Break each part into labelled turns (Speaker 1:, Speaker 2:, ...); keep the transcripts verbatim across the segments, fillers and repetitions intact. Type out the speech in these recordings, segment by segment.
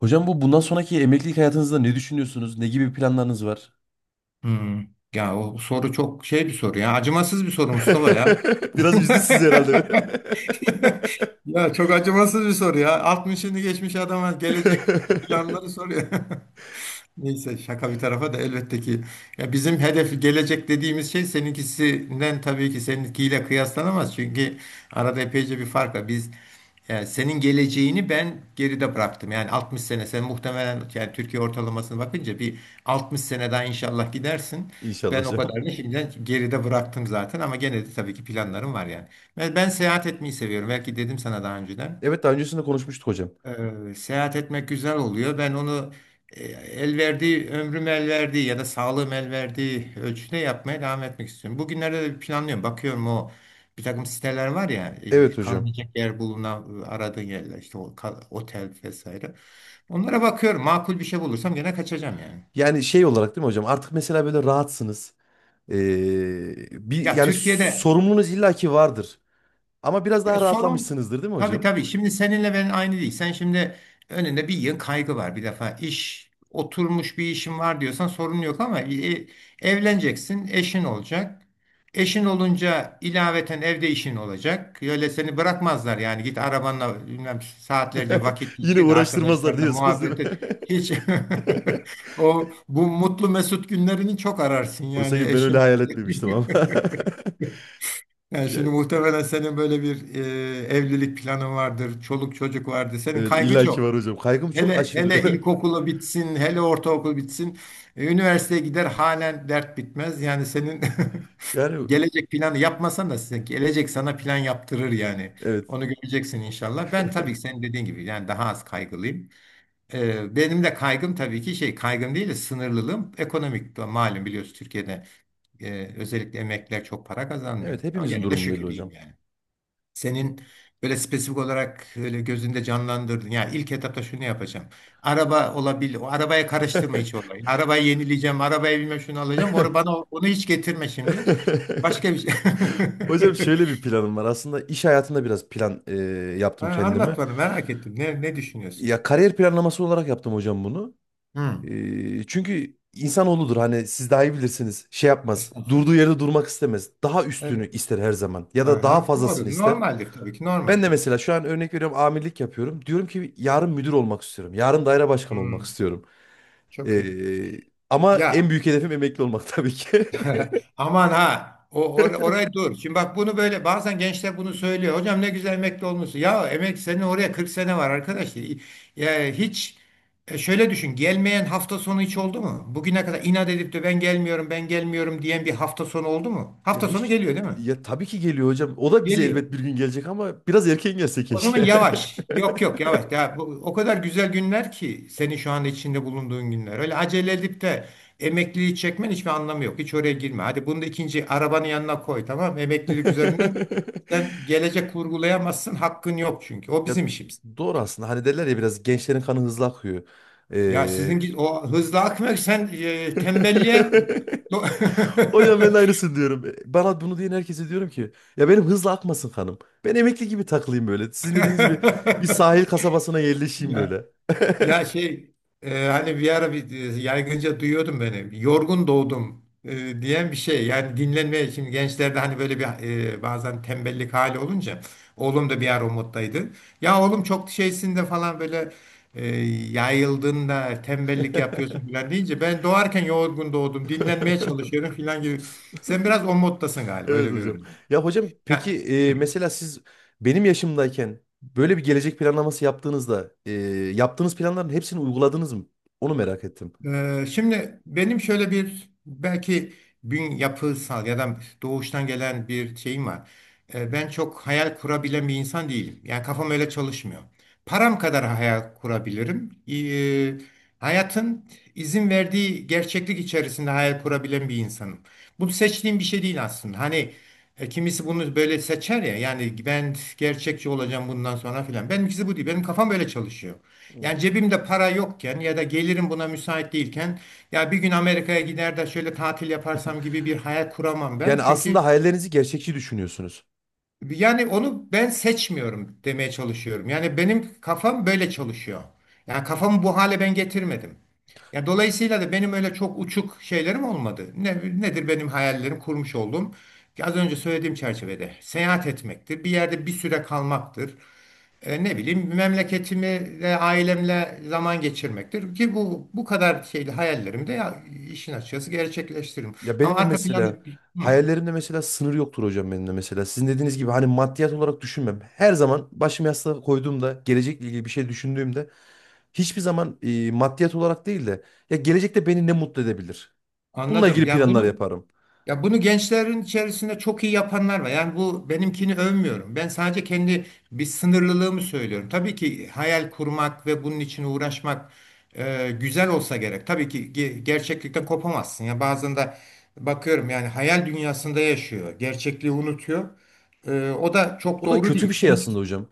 Speaker 1: Hocam bu bundan sonraki emeklilik hayatınızda ne düşünüyorsunuz? Ne gibi planlarınız var?
Speaker 2: Hmm. Ya o soru çok şey bir soru ya. Acımasız bir soru, Mustafa ya.
Speaker 1: Biraz üzdü sizi herhalde.
Speaker 2: Ya çok acımasız bir soru ya. altmışını geçmiş adama gelecek planları soruyor. Neyse, şaka bir tarafa da elbette ki ya bizim hedef gelecek dediğimiz şey seninkisinden tabii ki seninkiyle kıyaslanamaz. Çünkü arada epeyce bir fark var. Biz yani senin geleceğini ben geride bıraktım. Yani altmış sene sen muhtemelen yani Türkiye ortalamasına bakınca bir altmış sene daha inşallah gidersin.
Speaker 1: İnşallah
Speaker 2: Ben o
Speaker 1: hocam.
Speaker 2: kadarını şimdiden geride bıraktım zaten ama gene de tabii ki planlarım var yani. Ben, ben seyahat etmeyi seviyorum. Belki dedim sana daha önceden.
Speaker 1: Evet daha öncesinde konuşmuştuk hocam.
Speaker 2: Ee, seyahat etmek güzel oluyor. Ben onu e, el verdiği, ömrüm el verdiği ya da sağlığım el verdiği ölçüde yapmaya devam etmek istiyorum. Bugünlerde de planlıyorum. Bakıyorum, o bir takım siteler var ya,
Speaker 1: Evet
Speaker 2: e,
Speaker 1: hocam.
Speaker 2: kalınacak yer bulunan e, aradığın yerler, işte o, ka- otel vesaire. Onlara bakıyorum. Makul bir şey bulursam gene kaçacağım yani.
Speaker 1: Yani şey olarak değil mi hocam? Artık mesela böyle rahatsınız. Ee, bir
Speaker 2: Ya
Speaker 1: yani
Speaker 2: Türkiye'de
Speaker 1: sorumluluğunuz illaki vardır. Ama biraz
Speaker 2: ya
Speaker 1: daha
Speaker 2: sorun
Speaker 1: rahatlamışsınızdır değil mi
Speaker 2: tabii
Speaker 1: hocam?
Speaker 2: tabii şimdi seninle ben aynı değil. Sen şimdi önünde bir yığın kaygı var bir defa. İş oturmuş bir işin var diyorsan sorun yok ama e, evleneceksin, eşin olacak. Eşin olunca ilaveten evde işin olacak. Öyle seni bırakmazlar yani git arabanla bilmem saatlerce vakit
Speaker 1: Yine
Speaker 2: geçir de
Speaker 1: uğraştırmazlar
Speaker 2: arkadaşlarınla
Speaker 1: diyorsunuz değil
Speaker 2: muhabbet et.
Speaker 1: mi?
Speaker 2: Hiç o bu mutlu mesut günlerini çok ararsın
Speaker 1: Oysa
Speaker 2: yani
Speaker 1: ki ben öyle
Speaker 2: eşin.
Speaker 1: hayal etmemiştim ama.
Speaker 2: Yani şimdi
Speaker 1: Yani,
Speaker 2: muhtemelen senin böyle bir e, evlilik planın vardır, çoluk çocuk vardır. Senin
Speaker 1: evet
Speaker 2: kaygı
Speaker 1: illaki
Speaker 2: çok.
Speaker 1: var hocam. Kaygım çok
Speaker 2: Hele hele
Speaker 1: aşırı.
Speaker 2: ilkokulu bitsin, hele ortaokul bitsin, e, üniversiteye gider, halen dert bitmez. Yani senin
Speaker 1: Yani
Speaker 2: gelecek planı yapmasan da size gelecek sana plan yaptırır yani.
Speaker 1: evet.
Speaker 2: Onu göreceksin inşallah. Ben tabii ki senin dediğin gibi yani daha az kaygılıyım. E, benim de kaygım tabii ki şey kaygım değil de sınırlılığım ekonomik. Malum biliyorsun, Türkiye'de e, özellikle emekliler çok para kazanmıyor.
Speaker 1: Evet
Speaker 2: Ama
Speaker 1: hepimizin
Speaker 2: gene de
Speaker 1: durumu belli
Speaker 2: şükür iyiyim
Speaker 1: hocam.
Speaker 2: yani. Senin böyle spesifik olarak öyle gözünde canlandırdın. Ya ilk etapta şunu yapacağım. Araba olabilir. O arabaya karıştırma hiç olayı. Arabayı yenileyeceğim. Arabaya bilmem şunu alacağım. Onu bana, onu hiç getirme şimdi. Başka bir şey.
Speaker 1: Hocam şöyle bir planım var. Aslında iş hayatında biraz plan e,
Speaker 2: Ha,
Speaker 1: yaptım kendimi.
Speaker 2: anlat bana, merak ettim. Ne, ne düşünüyorsun?
Speaker 1: Ya kariyer planlaması olarak yaptım hocam bunu.
Speaker 2: Hmm.
Speaker 1: E, çünkü insanoğludur hani siz daha iyi bilirsiniz. Şey yapmaz.
Speaker 2: Estağfurullah.
Speaker 1: Durduğu yerde durmak istemez. Daha
Speaker 2: Evet.
Speaker 1: üstünü ister her zaman. Ya da daha
Speaker 2: Aha.
Speaker 1: fazlasını
Speaker 2: Doğru.
Speaker 1: ister.
Speaker 2: Normaldir tabii ki. Normal
Speaker 1: Ben de
Speaker 2: tabii ki.
Speaker 1: mesela şu an örnek veriyorum amirlik yapıyorum. Diyorum ki yarın müdür olmak istiyorum. Yarın daire başkanı olmak
Speaker 2: Hmm.
Speaker 1: istiyorum.
Speaker 2: Çok
Speaker 1: E,
Speaker 2: iyi.
Speaker 1: Ama
Speaker 2: Ya
Speaker 1: en büyük hedefim emekli olmak tabii ki.
Speaker 2: aman ha. O, or- oraya dur. Şimdi bak, bunu böyle bazen gençler bunu söylüyor. Hocam ne güzel emekli olmuşsun. Ya emek, senin oraya kırk sene var arkadaş. Ya hiç e, şöyle düşün. Gelmeyen hafta sonu hiç oldu mu? Bugüne kadar inat edip de ben gelmiyorum, ben gelmiyorum diyen bir hafta sonu oldu mu?
Speaker 1: Ya
Speaker 2: Hafta sonu
Speaker 1: hiç
Speaker 2: geliyor değil mi?
Speaker 1: Ya tabii ki geliyor hocam. O da bize
Speaker 2: Geliyor.
Speaker 1: elbet bir gün gelecek ama biraz erken gelse
Speaker 2: O zaman
Speaker 1: keşke.
Speaker 2: yavaş. Yok yok yavaş. Ya, bu, o kadar güzel günler ki senin şu anda içinde bulunduğun günler. Öyle acele edip de emekliliği çekmen hiçbir anlamı yok. Hiç oraya girme. Hadi bunu da ikinci arabanın yanına koy, tamam mı? Emeklilik üzerinden sen gelecek kurgulayamazsın. Hakkın yok çünkü. O
Speaker 1: Ya
Speaker 2: bizim işimiz.
Speaker 1: doğru aslında. Hani derler ya biraz gençlerin kanı hızlı akıyor.
Speaker 2: Ya
Speaker 1: Ee...
Speaker 2: sizin o hızlı akmak sen e, tembelliğe...
Speaker 1: Hocam ben de aynısını diyorum. Bana bunu diyen herkese diyorum ki ya benim hızlı akmasın kanım. Ben emekli gibi takılayım böyle. Sizin dediğiniz gibi bir sahil kasabasına yerleşeyim
Speaker 2: ya.
Speaker 1: böyle.
Speaker 2: Ya şey, e, hani bir ara bir, e, yaygınca duyuyordum beni. Yorgun doğdum e, diyen bir şey. Yani dinlenmeye, şimdi gençlerde hani böyle bir e, bazen tembellik hali olunca oğlum da bir ara o moddaydı. Ya oğlum çok şeysinde falan, böyle e, yayıldığında tembellik yapıyorsun falan deyince, ben doğarken yorgun doğdum dinlenmeye çalışıyorum falan gibi. Sen biraz o moddasın galiba,
Speaker 1: Evet
Speaker 2: öyle
Speaker 1: hocam.
Speaker 2: görünüyor.
Speaker 1: Ya hocam
Speaker 2: Ya,
Speaker 1: peki
Speaker 2: hı.
Speaker 1: e, mesela siz benim yaşımdayken böyle bir gelecek planlaması yaptığınızda e, yaptığınız planların hepsini uyguladınız mı? Onu merak ettim.
Speaker 2: Ee, şimdi benim şöyle bir belki bün yapısal ya da doğuştan gelen bir şeyim var. Ee, ben çok hayal kurabilen bir insan değilim. Yani kafam öyle çalışmıyor. Param kadar hayal kurabilirim. Ee, hayatın izin verdiği gerçeklik içerisinde hayal kurabilen bir insanım. Bu seçtiğim bir şey değil aslında. Hani e, kimisi bunu böyle seçer ya. Yani ben gerçekçi olacağım bundan sonra filan. Benimkisi bu değil. Benim kafam böyle çalışıyor.
Speaker 1: Evet.
Speaker 2: Yani cebimde para yokken ya da gelirim buna müsait değilken, ya bir gün Amerika'ya gider de şöyle tatil yaparsam gibi bir hayal kuramam ben.
Speaker 1: Yani
Speaker 2: Çünkü
Speaker 1: aslında hayallerinizi gerçekçi düşünüyorsunuz.
Speaker 2: yani onu ben seçmiyorum demeye çalışıyorum. Yani benim kafam böyle çalışıyor. Yani kafamı bu hale ben getirmedim. Ya dolayısıyla da benim öyle çok uçuk şeylerim olmadı. Ne, nedir benim hayallerim kurmuş olduğum? Ki az önce söylediğim çerçevede seyahat etmektir, bir yerde bir süre kalmaktır. E, ne bileyim, memleketimi ve ailemle zaman geçirmektir ki bu bu kadar şeyli hayallerimi de ya, işin açıkçası gerçekleştiririm.
Speaker 1: Ya
Speaker 2: Ama
Speaker 1: benim de
Speaker 2: arka planda
Speaker 1: mesela
Speaker 2: hı,
Speaker 1: hayallerimde mesela sınır yoktur hocam benim de mesela. Sizin dediğiniz gibi hani maddiyat olarak düşünmem. Her zaman başımı yastığa koyduğumda gelecekle ilgili bir şey düşündüğümde hiçbir zaman e, maddiyat olarak değil de ya gelecekte beni ne mutlu edebilir? Bununla
Speaker 2: anladım.
Speaker 1: ilgili
Speaker 2: Yani
Speaker 1: planlar
Speaker 2: bunu,
Speaker 1: yaparım.
Speaker 2: ya bunu gençlerin içerisinde çok iyi yapanlar var. Yani bu, benimkini övmüyorum. Ben sadece kendi bir sınırlılığımı söylüyorum. Tabii ki hayal kurmak ve bunun için uğraşmak e, güzel olsa gerek. Tabii ki ge- gerçeklikten kopamazsın. Ya bazen de bakıyorum yani hayal dünyasında yaşıyor, gerçekliği unutuyor. E, o da çok
Speaker 1: O da
Speaker 2: doğru
Speaker 1: kötü
Speaker 2: değil.
Speaker 1: bir şey
Speaker 2: Seninki
Speaker 1: aslında hocam.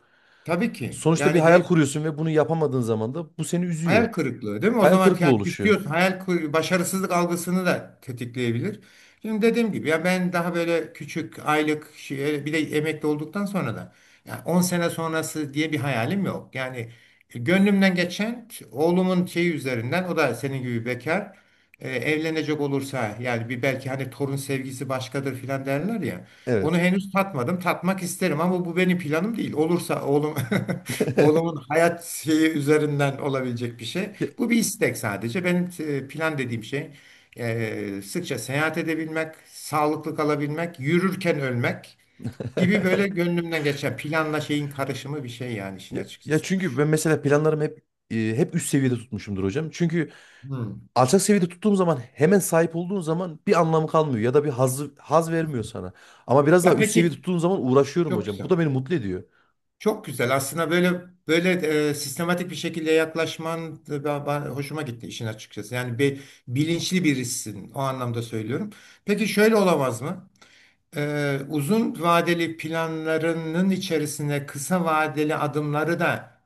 Speaker 2: tabii ki
Speaker 1: Sonuçta bir
Speaker 2: yani
Speaker 1: hayal
Speaker 2: ge-
Speaker 1: kuruyorsun ve bunu yapamadığın zaman da bu seni üzüyor.
Speaker 2: hayal kırıklığı değil mi? O
Speaker 1: Hayal
Speaker 2: zaman
Speaker 1: kırıklığı
Speaker 2: yani
Speaker 1: oluşuyor.
Speaker 2: küsüyorsun. Hayal kır- başarısızlık algısını da tetikleyebilir. Şimdi dediğim gibi ya ben daha böyle küçük aylık şey, bir de emekli olduktan sonra da yani on sene sonrası diye bir hayalim yok. Yani e, gönlümden geçen oğlumun şeyi üzerinden, o da senin gibi bekar, e, evlenecek olursa yani bir, belki hani torun sevgisi başkadır filan derler ya. Onu
Speaker 1: Evet.
Speaker 2: henüz tatmadım. Tatmak isterim ama bu benim planım değil. Olursa oğlum. Oğlumun hayat şeyi üzerinden olabilecek bir şey.
Speaker 1: Ya,
Speaker 2: Bu bir istek sadece. Benim e, plan dediğim şey, e, sıkça seyahat edebilmek, sağlıklı kalabilmek, yürürken ölmek gibi böyle gönlümden geçen planla şeyin karışımı bir şey yani işin
Speaker 1: ya, ya
Speaker 2: açıkçası.
Speaker 1: çünkü ben mesela planlarımı hep e, hep üst seviyede tutmuşumdur hocam. Çünkü
Speaker 2: Hmm.
Speaker 1: alçak seviyede tuttuğum zaman hemen sahip olduğun zaman bir anlamı kalmıyor ya da bir haz haz vermiyor sana. Ama biraz daha
Speaker 2: Ya
Speaker 1: üst seviyede
Speaker 2: peki,
Speaker 1: tuttuğum zaman uğraşıyorum
Speaker 2: çok
Speaker 1: hocam. Bu
Speaker 2: güzel.
Speaker 1: da beni mutlu ediyor.
Speaker 2: Çok güzel. Aslında böyle böyle e, sistematik bir şekilde yaklaşman da ba- ba- hoşuma gitti işin açıkçası. Yani bir bilinçli birisin o anlamda söylüyorum. Peki şöyle olamaz mı? Ee, uzun vadeli planlarının içerisine kısa vadeli adımları da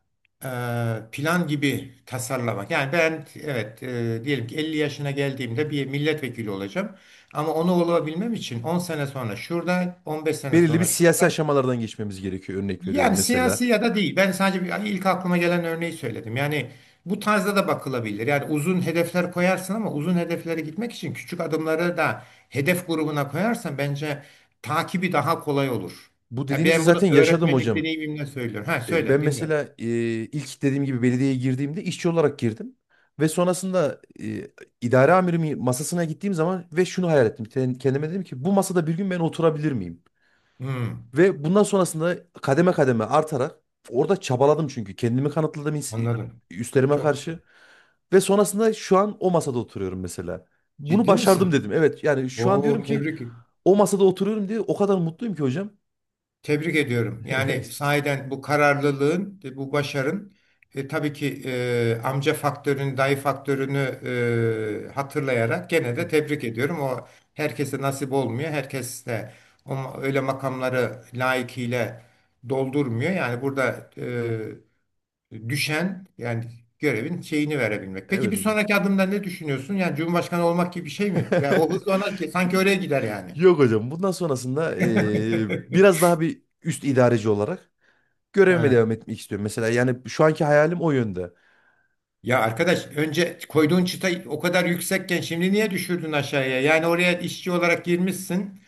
Speaker 2: e, plan gibi tasarlamak. Yani ben, evet, e, diyelim ki elli yaşına geldiğimde bir milletvekili olacağım. Ama onu olabilmem için on sene sonra şurada, on beş sene
Speaker 1: Belirli bir
Speaker 2: sonra
Speaker 1: siyasi
Speaker 2: şurada,
Speaker 1: aşamalardan geçmemiz gerekiyor örnek veriyorum
Speaker 2: yani siyasi
Speaker 1: mesela.
Speaker 2: ya da değil. Ben sadece bir- yani ilk aklıma gelen örneği söyledim. Yani bu tarzda da bakılabilir. Yani uzun hedefler koyarsın ama uzun hedeflere gitmek için küçük adımları da hedef grubuna koyarsan bence takibi daha kolay olur.
Speaker 1: Bu
Speaker 2: Ya
Speaker 1: dediğinizi
Speaker 2: ben bunu
Speaker 1: zaten yaşadım
Speaker 2: öğretmenlik
Speaker 1: hocam.
Speaker 2: deneyimimle söylüyorum. Ha,
Speaker 1: E, Ben
Speaker 2: söyle, dinliyorum.
Speaker 1: mesela e, ilk dediğim gibi belediyeye girdiğimde işçi olarak girdim. Ve sonrasında e, idare amirimin masasına gittiğim zaman ve şunu hayal ettim. Ken- Kendime dedim ki bu masada bir gün ben oturabilir miyim?
Speaker 2: Hmm,
Speaker 1: Ve bundan sonrasında kademe kademe artarak orada çabaladım çünkü. Kendimi kanıtladım ins-
Speaker 2: anladım.
Speaker 1: üstlerime
Speaker 2: Çok güzel.
Speaker 1: karşı. Ve sonrasında şu an o masada oturuyorum mesela. Bunu
Speaker 2: Ciddi misin?
Speaker 1: başardım dedim. Evet yani şu an diyorum
Speaker 2: Oo,
Speaker 1: ki
Speaker 2: tebrik.
Speaker 1: o masada oturuyorum diye o kadar mutluyum ki hocam.
Speaker 2: Tebrik ediyorum. Yani sahiden bu kararlılığın, e, bu başarın e, tabii ki e, amca faktörünü, dayı faktörünü e, hatırlayarak gene de tebrik ediyorum. O herkese nasip olmuyor. Herkes de o, ma- öyle makamları layıkıyla doldurmuyor. Yani burada e, düşen yani görevin şeyini verebilmek. Peki
Speaker 1: Evet
Speaker 2: bir
Speaker 1: hocam.
Speaker 2: sonraki adımda ne düşünüyorsun? Yani Cumhurbaşkanı olmak gibi bir şey mi? Ve o hız ona sanki oraya gider yani.
Speaker 1: Yok hocam. Bundan sonrasında eee, biraz daha bir üst idareci olarak
Speaker 2: He.
Speaker 1: görevime devam etmek istiyorum. Mesela yani şu anki hayalim o yönde.
Speaker 2: Ya arkadaş, önce koyduğun çıta o kadar yüksekken şimdi niye düşürdün aşağıya? Yani oraya işçi olarak girmişsin,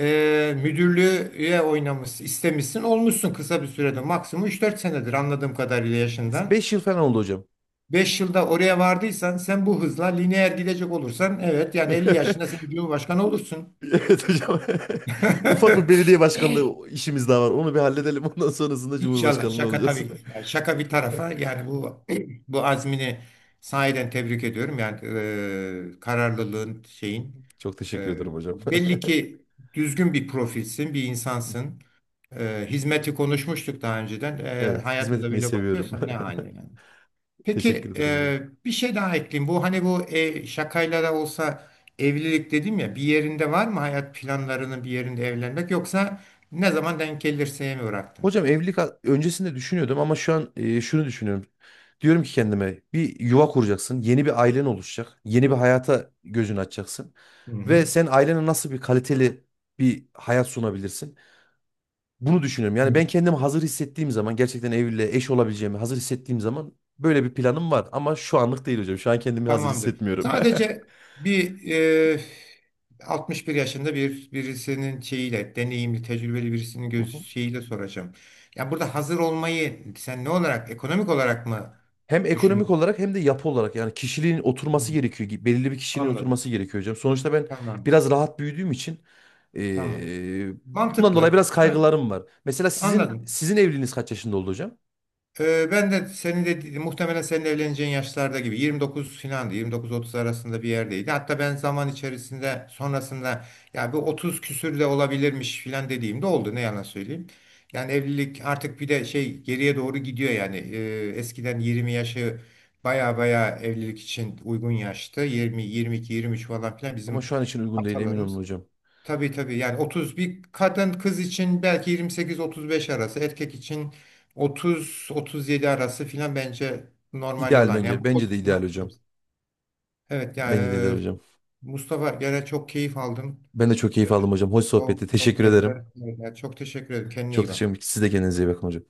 Speaker 2: e, müdürlüğe oynamışsın, istemişsin, olmuşsun kısa bir sürede. Maksimum üç dört senedir anladığım kadarıyla yaşından.
Speaker 1: Beş yıl falan oldu hocam.
Speaker 2: Beş yılda oraya vardıysan sen bu hızla lineer gidecek olursan evet yani elli yaşında sen Cumhurbaşkanı olursun.
Speaker 1: Evet hocam. Ufak bir belediye başkanlığı işimiz daha var. Onu bir halledelim. Ondan sonrasında
Speaker 2: İnşallah,
Speaker 1: Cumhurbaşkanlığı
Speaker 2: şaka
Speaker 1: olacağız.
Speaker 2: tabii, yani şaka bir tarafa yani bu bu azmini sahiden tebrik ediyorum yani e, kararlılığın şeyin.
Speaker 1: Çok teşekkür
Speaker 2: Ee,
Speaker 1: ederim hocam.
Speaker 2: Belli ki düzgün bir profilsin, bir insansın. Ee, hizmeti konuşmuştuk daha önceden. Ee,
Speaker 1: Evet, hizmet
Speaker 2: hayata da
Speaker 1: etmeyi
Speaker 2: böyle
Speaker 1: seviyorum.
Speaker 2: bakıyorsan ne hali yani.
Speaker 1: Teşekkür
Speaker 2: Peki
Speaker 1: ederim hocam.
Speaker 2: e, bir şey daha ekleyeyim. Bu hani bu e, şakayla da olsa evlilik dedim ya, bir yerinde var mı hayat planlarının bir yerinde evlenmek, yoksa ne zaman denk gelirse mi bıraktın?
Speaker 1: Hocam evlilik a- öncesinde düşünüyordum ama şu an e, şunu düşünüyorum. Diyorum ki kendime bir yuva kuracaksın, yeni bir ailen oluşacak, yeni bir hayata gözünü açacaksın
Speaker 2: Hı
Speaker 1: ve
Speaker 2: hı.
Speaker 1: sen ailene nasıl bir kaliteli bir hayat sunabilirsin? Bunu düşünüyorum. Yani ben kendimi hazır hissettiğim zaman gerçekten evliliğe eş olabileceğimi hazır hissettiğim zaman böyle bir planım var ama şu anlık değil hocam. Şu an kendimi hazır
Speaker 2: Tamamdır.
Speaker 1: hissetmiyorum.
Speaker 2: Sadece bir e, altmış bir yaşında bir birisinin şeyiyle, deneyimli, tecrübeli birisinin göz şeyiyle soracağım. Ya burada hazır olmayı sen ne olarak, ekonomik olarak mı
Speaker 1: Hem ekonomik
Speaker 2: düşünüyorsun?
Speaker 1: olarak hem de yapı olarak yani kişiliğin oturması
Speaker 2: Hmm,
Speaker 1: gerekiyor. Gi- Belirli bir kişiliğin
Speaker 2: anladım.
Speaker 1: oturması gerekiyor hocam. Sonuçta ben
Speaker 2: Tamam.
Speaker 1: biraz rahat büyüdüğüm için
Speaker 2: Tamam.
Speaker 1: eee, bundan dolayı
Speaker 2: Mantıklı.
Speaker 1: biraz
Speaker 2: Ha,
Speaker 1: kaygılarım var. Mesela sizin
Speaker 2: anladım.
Speaker 1: sizin evliliğiniz kaç yaşında oldu hocam?
Speaker 2: Ee, ben de senin de muhtemelen senin evleneceğin yaşlarda gibi yirmi dokuz filandı, yirmi dokuz otuz arasında bir yerdeydi. Hatta ben zaman içerisinde sonrasında ya bu otuz küsür de olabilirmiş filan dediğimde oldu, ne yalan söyleyeyim. Yani evlilik artık bir de şey geriye doğru gidiyor yani. Ee, eskiden yirmi yaşı baya baya evlilik için uygun yaştı. yirmi, yirmi iki, yirmi üç falan filan
Speaker 1: Ama
Speaker 2: bizim
Speaker 1: şu an için uygun değil emin olun
Speaker 2: atalarımız.
Speaker 1: hocam.
Speaker 2: Tabii tabii yani otuz, bir kadın kız için belki yirmi sekiz otuz beş arası, erkek için otuz otuz yedi arası filan bence normal
Speaker 1: İdeal
Speaker 2: olan yani
Speaker 1: bence.
Speaker 2: bu
Speaker 1: Bence de
Speaker 2: koşuşturma
Speaker 1: ideal hocam.
Speaker 2: içerisinde. Evet ya,
Speaker 1: Bence de ideal
Speaker 2: e,
Speaker 1: hocam.
Speaker 2: Mustafa, gene çok keyif aldım.
Speaker 1: Ben de çok keyif aldım hocam. Hoş
Speaker 2: O
Speaker 1: sohbetti. Teşekkür ederim.
Speaker 2: sohbetler. Evet, çok teşekkür ederim. Kendine
Speaker 1: Çok
Speaker 2: iyi
Speaker 1: teşekkür
Speaker 2: bak.
Speaker 1: ederim. Siz de kendinize iyi bakın hocam.